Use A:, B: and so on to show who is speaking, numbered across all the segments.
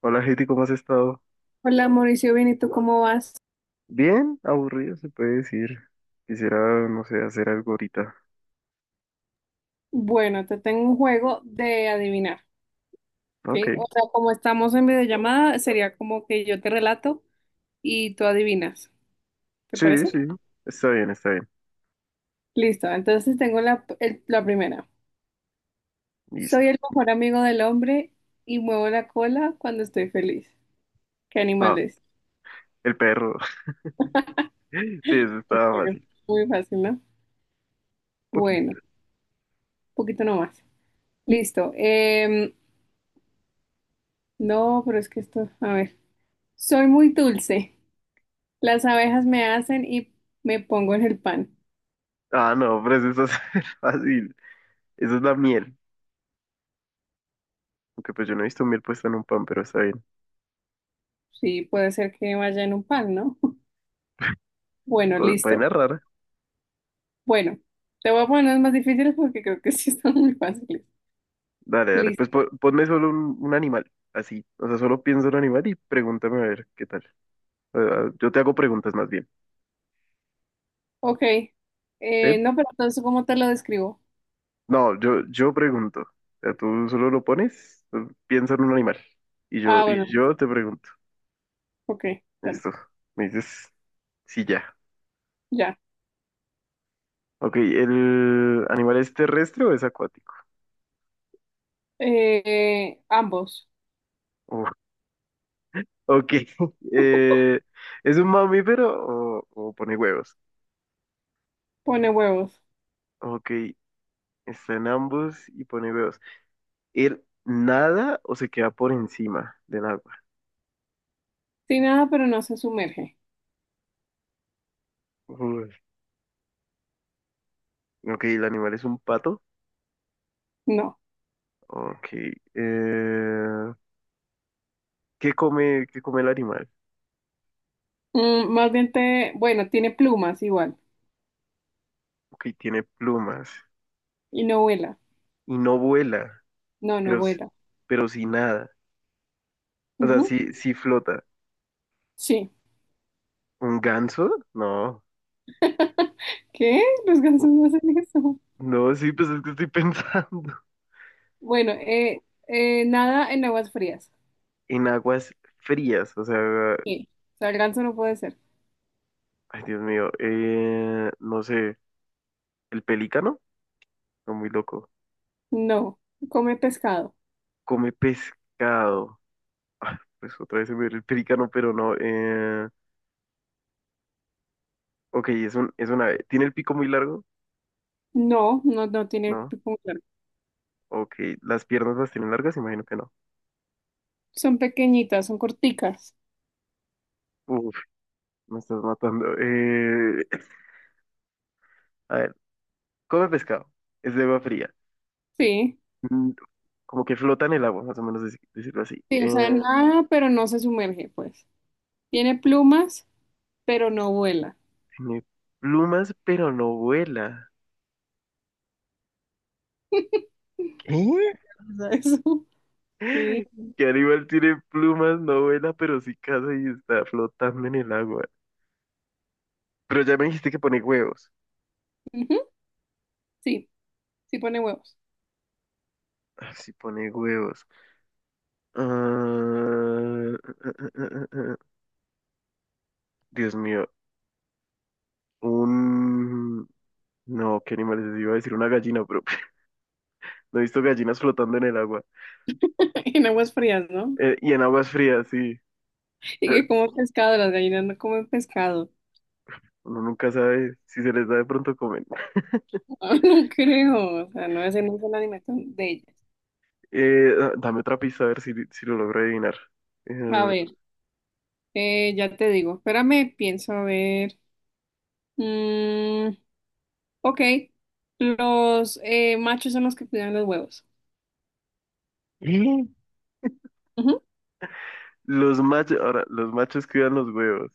A: Hola, Heidi, ¿cómo has estado?
B: Hola Mauricio, bien, ¿y tú cómo vas?
A: Bien, aburrido se puede decir. Quisiera, no sé, hacer algo ahorita.
B: Bueno, te tengo un juego de adivinar,
A: Ok.
B: ¿sí? O sea, como estamos en videollamada, sería como que yo te relato y tú adivinas, ¿te
A: Sí,
B: parece?
A: sí. Está bien, está bien.
B: Listo, entonces tengo la primera.
A: Listo.
B: Soy el mejor amigo del hombre y muevo la cola cuando estoy feliz. ¿Qué animal
A: Ah,
B: es?
A: el perro. Sí, eso
B: Ok,
A: estaba
B: es
A: fácil.
B: muy fácil, ¿no? Bueno, un
A: Poquito.
B: poquito nomás. Listo. No, pero es que esto, a ver. Soy muy dulce. Las abejas me hacen y me pongo en el pan.
A: Ah, no, pero eso está fácil. Eso es la miel. Aunque pues yo no he visto miel puesta en un pan, pero está bien.
B: Sí, puede ser que vaya en un pan, ¿no? Bueno, listo.
A: Vaina rara.
B: Bueno, te voy a poner unas más difíciles porque creo que sí están muy fáciles.
A: Dale, dale. Pues
B: Listo.
A: ponme solo un animal. Así. O sea, solo pienso en un animal y pregúntame a ver qué tal. Ah, ah, yo te hago preguntas más bien.
B: Ok.
A: ¿Sí?
B: No, pero entonces, ¿cómo te lo describo?
A: No, yo pregunto. O sea, tú solo lo pones, tú piensa en un animal. Y
B: Ah, bueno.
A: yo te pregunto.
B: Ok, dale.
A: Listo. Me dices, sí, ya.
B: Ya.
A: Ok, ¿el animal es terrestre o es acuático?
B: Ambos.
A: Uf, ok. Eh, ¿es un mamífero o pone huevos?
B: Pone huevos.
A: Ok, está en ambos y pone huevos. ¿Él nada o se queda por encima del agua?
B: Sin nada, pero no se sumerge.
A: Uy, ok, ¿el animal es un pato?
B: No.
A: Ok. eh, qué come el animal?
B: Mm, más bien te... Bueno, tiene plumas igual.
A: Ok, tiene plumas
B: Y no vuela.
A: y no vuela,
B: No, no
A: pero, s-
B: vuela.
A: pero sí nada. O sea,
B: Ujú.
A: sí, sí flota.
B: Sí.
A: ¿Un ganso? No.
B: ¿Qué? Los gansos
A: u-
B: no hacen eso.
A: No, sí, pues es que estoy pensando.
B: Bueno, nada en aguas frías.
A: En aguas frías, o sea,
B: Sí. O no puede ser.
A: ay Dios mío, no sé, el pelícano, está muy loco.
B: No. Come pescado.
A: Come pescado. Ah, pues otra vez se me dio el pelícano, pero no. Ok, es es una ave. ¿Tiene el pico muy largo?
B: No, no, no tiene
A: No.
B: que comer.
A: Ok, las piernas las tienen largas, imagino que no.
B: Son pequeñitas, son corticas.
A: Me estás matando. A ver, come pescado. Es de agua fría.
B: Sí.
A: Mm, como que flota en el agua, más o menos decirlo así.
B: Sí, o sea, nada, pero no se sumerge, pues. Tiene plumas, pero no vuela.
A: Tiene plumas, pero no vuela. ¿Qué?
B: O sea, eso. Sí.
A: ¿Qué animal tiene plumas, no vuela, pero sí caza y está flotando en el agua? Pero ya me dijiste que pone huevos.
B: Ujú. Sí, sí pone huevos.
A: Ah, sí pone huevos. Ah, Dios mío. Un... No, ¿qué animales es? Iba a decir una gallina, pero no he visto gallinas flotando en el agua.
B: En aguas frías, ¿no?
A: Y en aguas frías, sí.
B: Y
A: Eh,
B: que como pescado, las gallinas no comen pescado.
A: uno nunca sabe si se les da de pronto comer.
B: No, creo. O sea, no es en esa es la dimensión de ellas.
A: Dame otra pista a ver si lo logro adivinar.
B: A
A: Eh,
B: ver. Ya te digo, espérame, pienso a ver. Mm, ok, los machos son los que cuidan los huevos.
A: ¿Eh?
B: Ujú.
A: Los machos, ahora, los machos cuidan los huevos.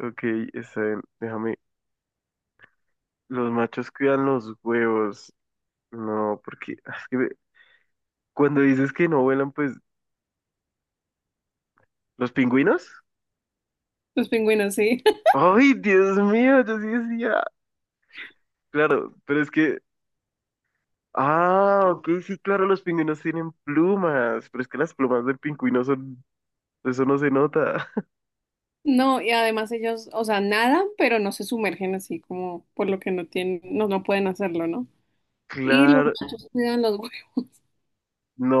A: Ok, está bien, déjame. Los machos cuidan los huevos. No, porque es que cuando dices que no vuelan, pues, ¿los pingüinos?
B: Los pingüinos, sí.
A: ¡Ay, Dios mío! Yo sí decía. Claro, pero es que. Ah, ok, sí, claro, los pingüinos tienen plumas, pero es que las plumas del pingüino son. Eso no se nota.
B: No, y además ellos, o sea, nadan, pero no se sumergen así como por lo que no tienen, no, no pueden hacerlo, ¿no? Y los
A: Claro,
B: machos cuidan los huevos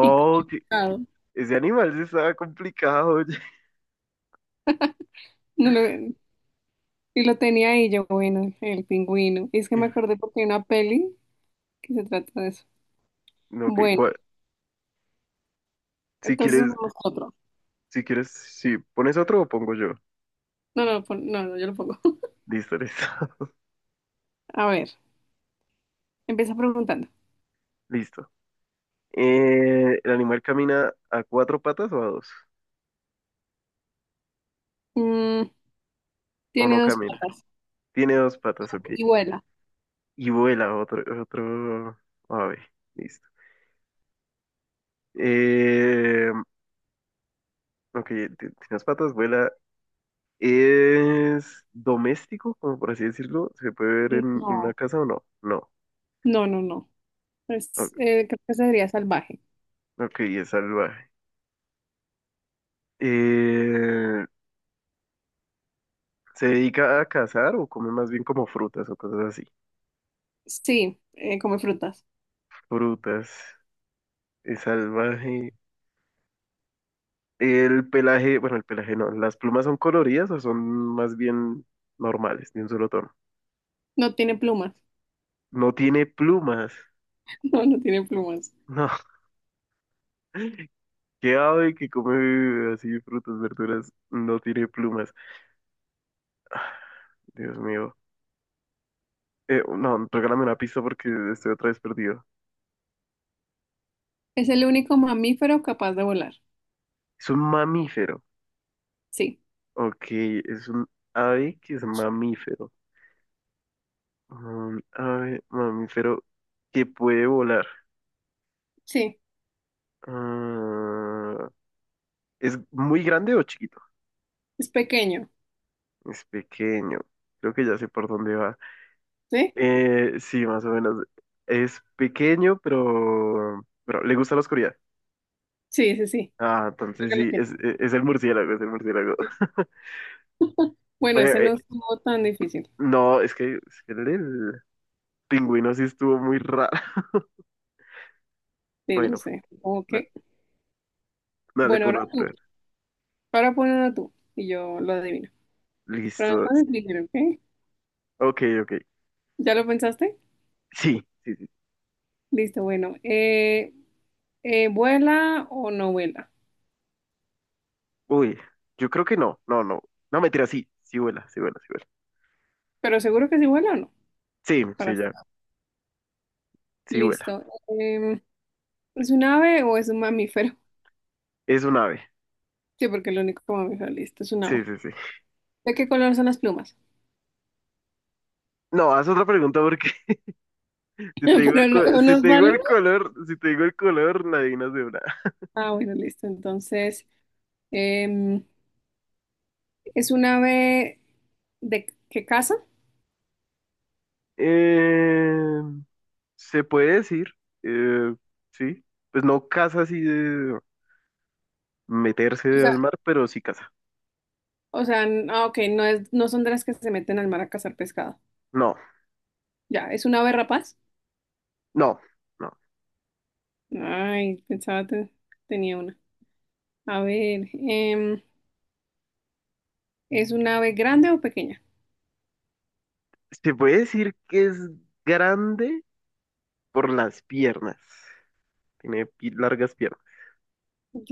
B: y comen
A: que
B: pescado.
A: ese animal sí estaba complicado, oye.
B: No lo, Y lo tenía ahí yo, bueno, el pingüino. Y es que
A: Eh,
B: me acordé porque hay una peli que se trata de eso.
A: no, que
B: Bueno,
A: si
B: entonces
A: quieres,
B: vamos a otro.
A: si quieres, si pones otro o pongo yo.
B: No, no, no, no, yo lo pongo.
A: Listo, listo.
B: A ver. Empieza preguntando.
A: Listo. ¿El animal camina a cuatro patas o a dos?
B: Mm,
A: ¿O
B: tiene
A: no
B: dos
A: camina?
B: patas
A: Tiene dos patas, ok.
B: y vuela.
A: Y vuela otro ave. Listo. Eh, ok, tiene dos patas, vuela. ¿Es doméstico, como por así decirlo? ¿Se puede ver en una
B: No,
A: casa o no? No.
B: no, no, no.
A: O-
B: Es, creo que sería salvaje.
A: Ok, es salvaje. Eh, ¿Se dedica a cazar o come más bien como frutas o cosas así?
B: Sí, come frutas.
A: Frutas, es salvaje. El pelaje, bueno, el pelaje no, ¿las plumas son coloridas o son más bien normales, de un solo tono?
B: No tiene plumas.
A: No tiene plumas.
B: No, no tiene plumas.
A: No, qué ave que come así frutas, verduras, no tiene plumas. Dios mío. No, regálame una pista porque estoy otra vez perdido.
B: Es el único mamífero capaz de volar.
A: Es un mamífero.
B: Sí,
A: Ok, es un ave que es mamífero. Un ave mamífero que puede volar.
B: sí.
A: Ah, ¿es muy grande o chiquito?
B: Es pequeño.
A: Es pequeño. Creo que ya sé por dónde va.
B: ¿Sí?
A: Sí, más o menos. Es pequeño, pero le gusta la oscuridad.
B: Sí, sí, sí.
A: Ah,
B: Creo
A: entonces
B: que lo
A: sí,
B: tiene.
A: es el murciélago, es el murciélago.
B: Sí. Bueno, ese
A: Oye,
B: no estuvo tan difícil.
A: no, es que el del pingüino sí estuvo muy raro.
B: Sí, lo
A: Bueno,
B: sé. Ok.
A: da- dale
B: Bueno,
A: por
B: ahora tú.
A: otro.
B: Ahora pon uno tú y yo lo adivino. Pero no
A: Listo.
B: tan difícil, ¿ok?
A: Ok, ok.
B: ¿Ya lo pensaste?
A: Sí, sí, sí.
B: Listo, bueno. ¿Vuela o no vuela?
A: Uy, yo creo que no, no, no. No, mentira, sí, sí vuela, sí vuela, sí vuela.
B: Pero seguro que sí vuela o no,
A: Sí,
B: para
A: sí, ya,
B: estar.
A: sí vuela.
B: Listo. ¿Es un ave o es un mamífero?
A: Es un ave.
B: Sí, porque el único mamífero, listo, es un
A: Sí,
B: ave.
A: sí, sí.
B: ¿De qué color son las plumas?
A: No, haz otra pregunta porque si te
B: Pero
A: digo
B: no, no
A: si
B: nos
A: te digo
B: vale.
A: el color, si te digo el color, la adivinas de una.
B: Ah, bueno, listo. Entonces, em, ¿es un ave de qué caza?
A: Eh, se puede decir, eh, sí, pues no caza así de meterse
B: O sea,
A: al mar, pero sí caza.
B: ah, ok, no es, no son de las que se meten al mar a cazar pescado.
A: No,
B: Ya, ¿es un ave rapaz?
A: no, no.
B: Ay, pensaba que tenía una. A ver, ¿es un ave grande o pequeña?
A: Se puede decir que es grande por las piernas. Tiene largas piernas.
B: Ok.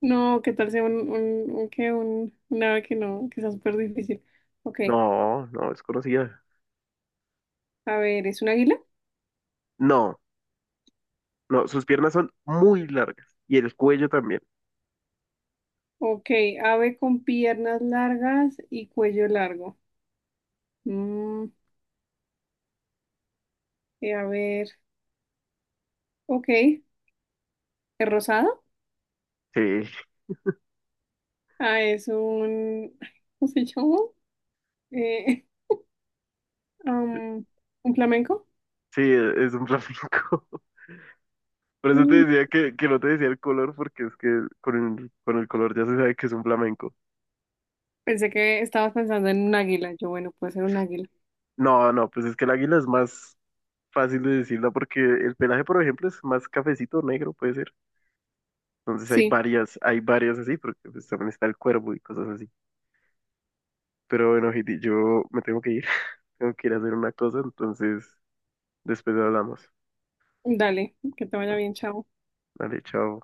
B: No, ¿qué tal sea un ave que no, que sea súper difícil? Ok,
A: No, no, es conocida.
B: a ver, ¿es un águila?
A: No, no, sus piernas son muy largas. Y el cuello también.
B: Ok, ave con piernas largas y cuello largo. Mm, a ver, ok, ¿es rosado?
A: Sí,
B: Ah, es un, ay, ¿cómo se llama? Eh, um, ¿un flamenco?
A: sí, es un flamenco. Por eso te
B: Mm,
A: decía que no te decía el color, porque es que con el color ya se sabe que es un flamenco.
B: pensé que estabas pensando en un águila. Yo, bueno, puede ser un águila.
A: No, no, pues es que el águila es más fácil de decirla porque el pelaje, por ejemplo, es más cafecito negro, puede ser. Entonces
B: Sí,
A: hay varias así, porque pues también está el cuervo y cosas así. Pero bueno, Heidi, yo me tengo que ir, tengo que ir a hacer una cosa, entonces después hablamos.
B: dale, que te vaya bien, chao.
A: Dale, chao.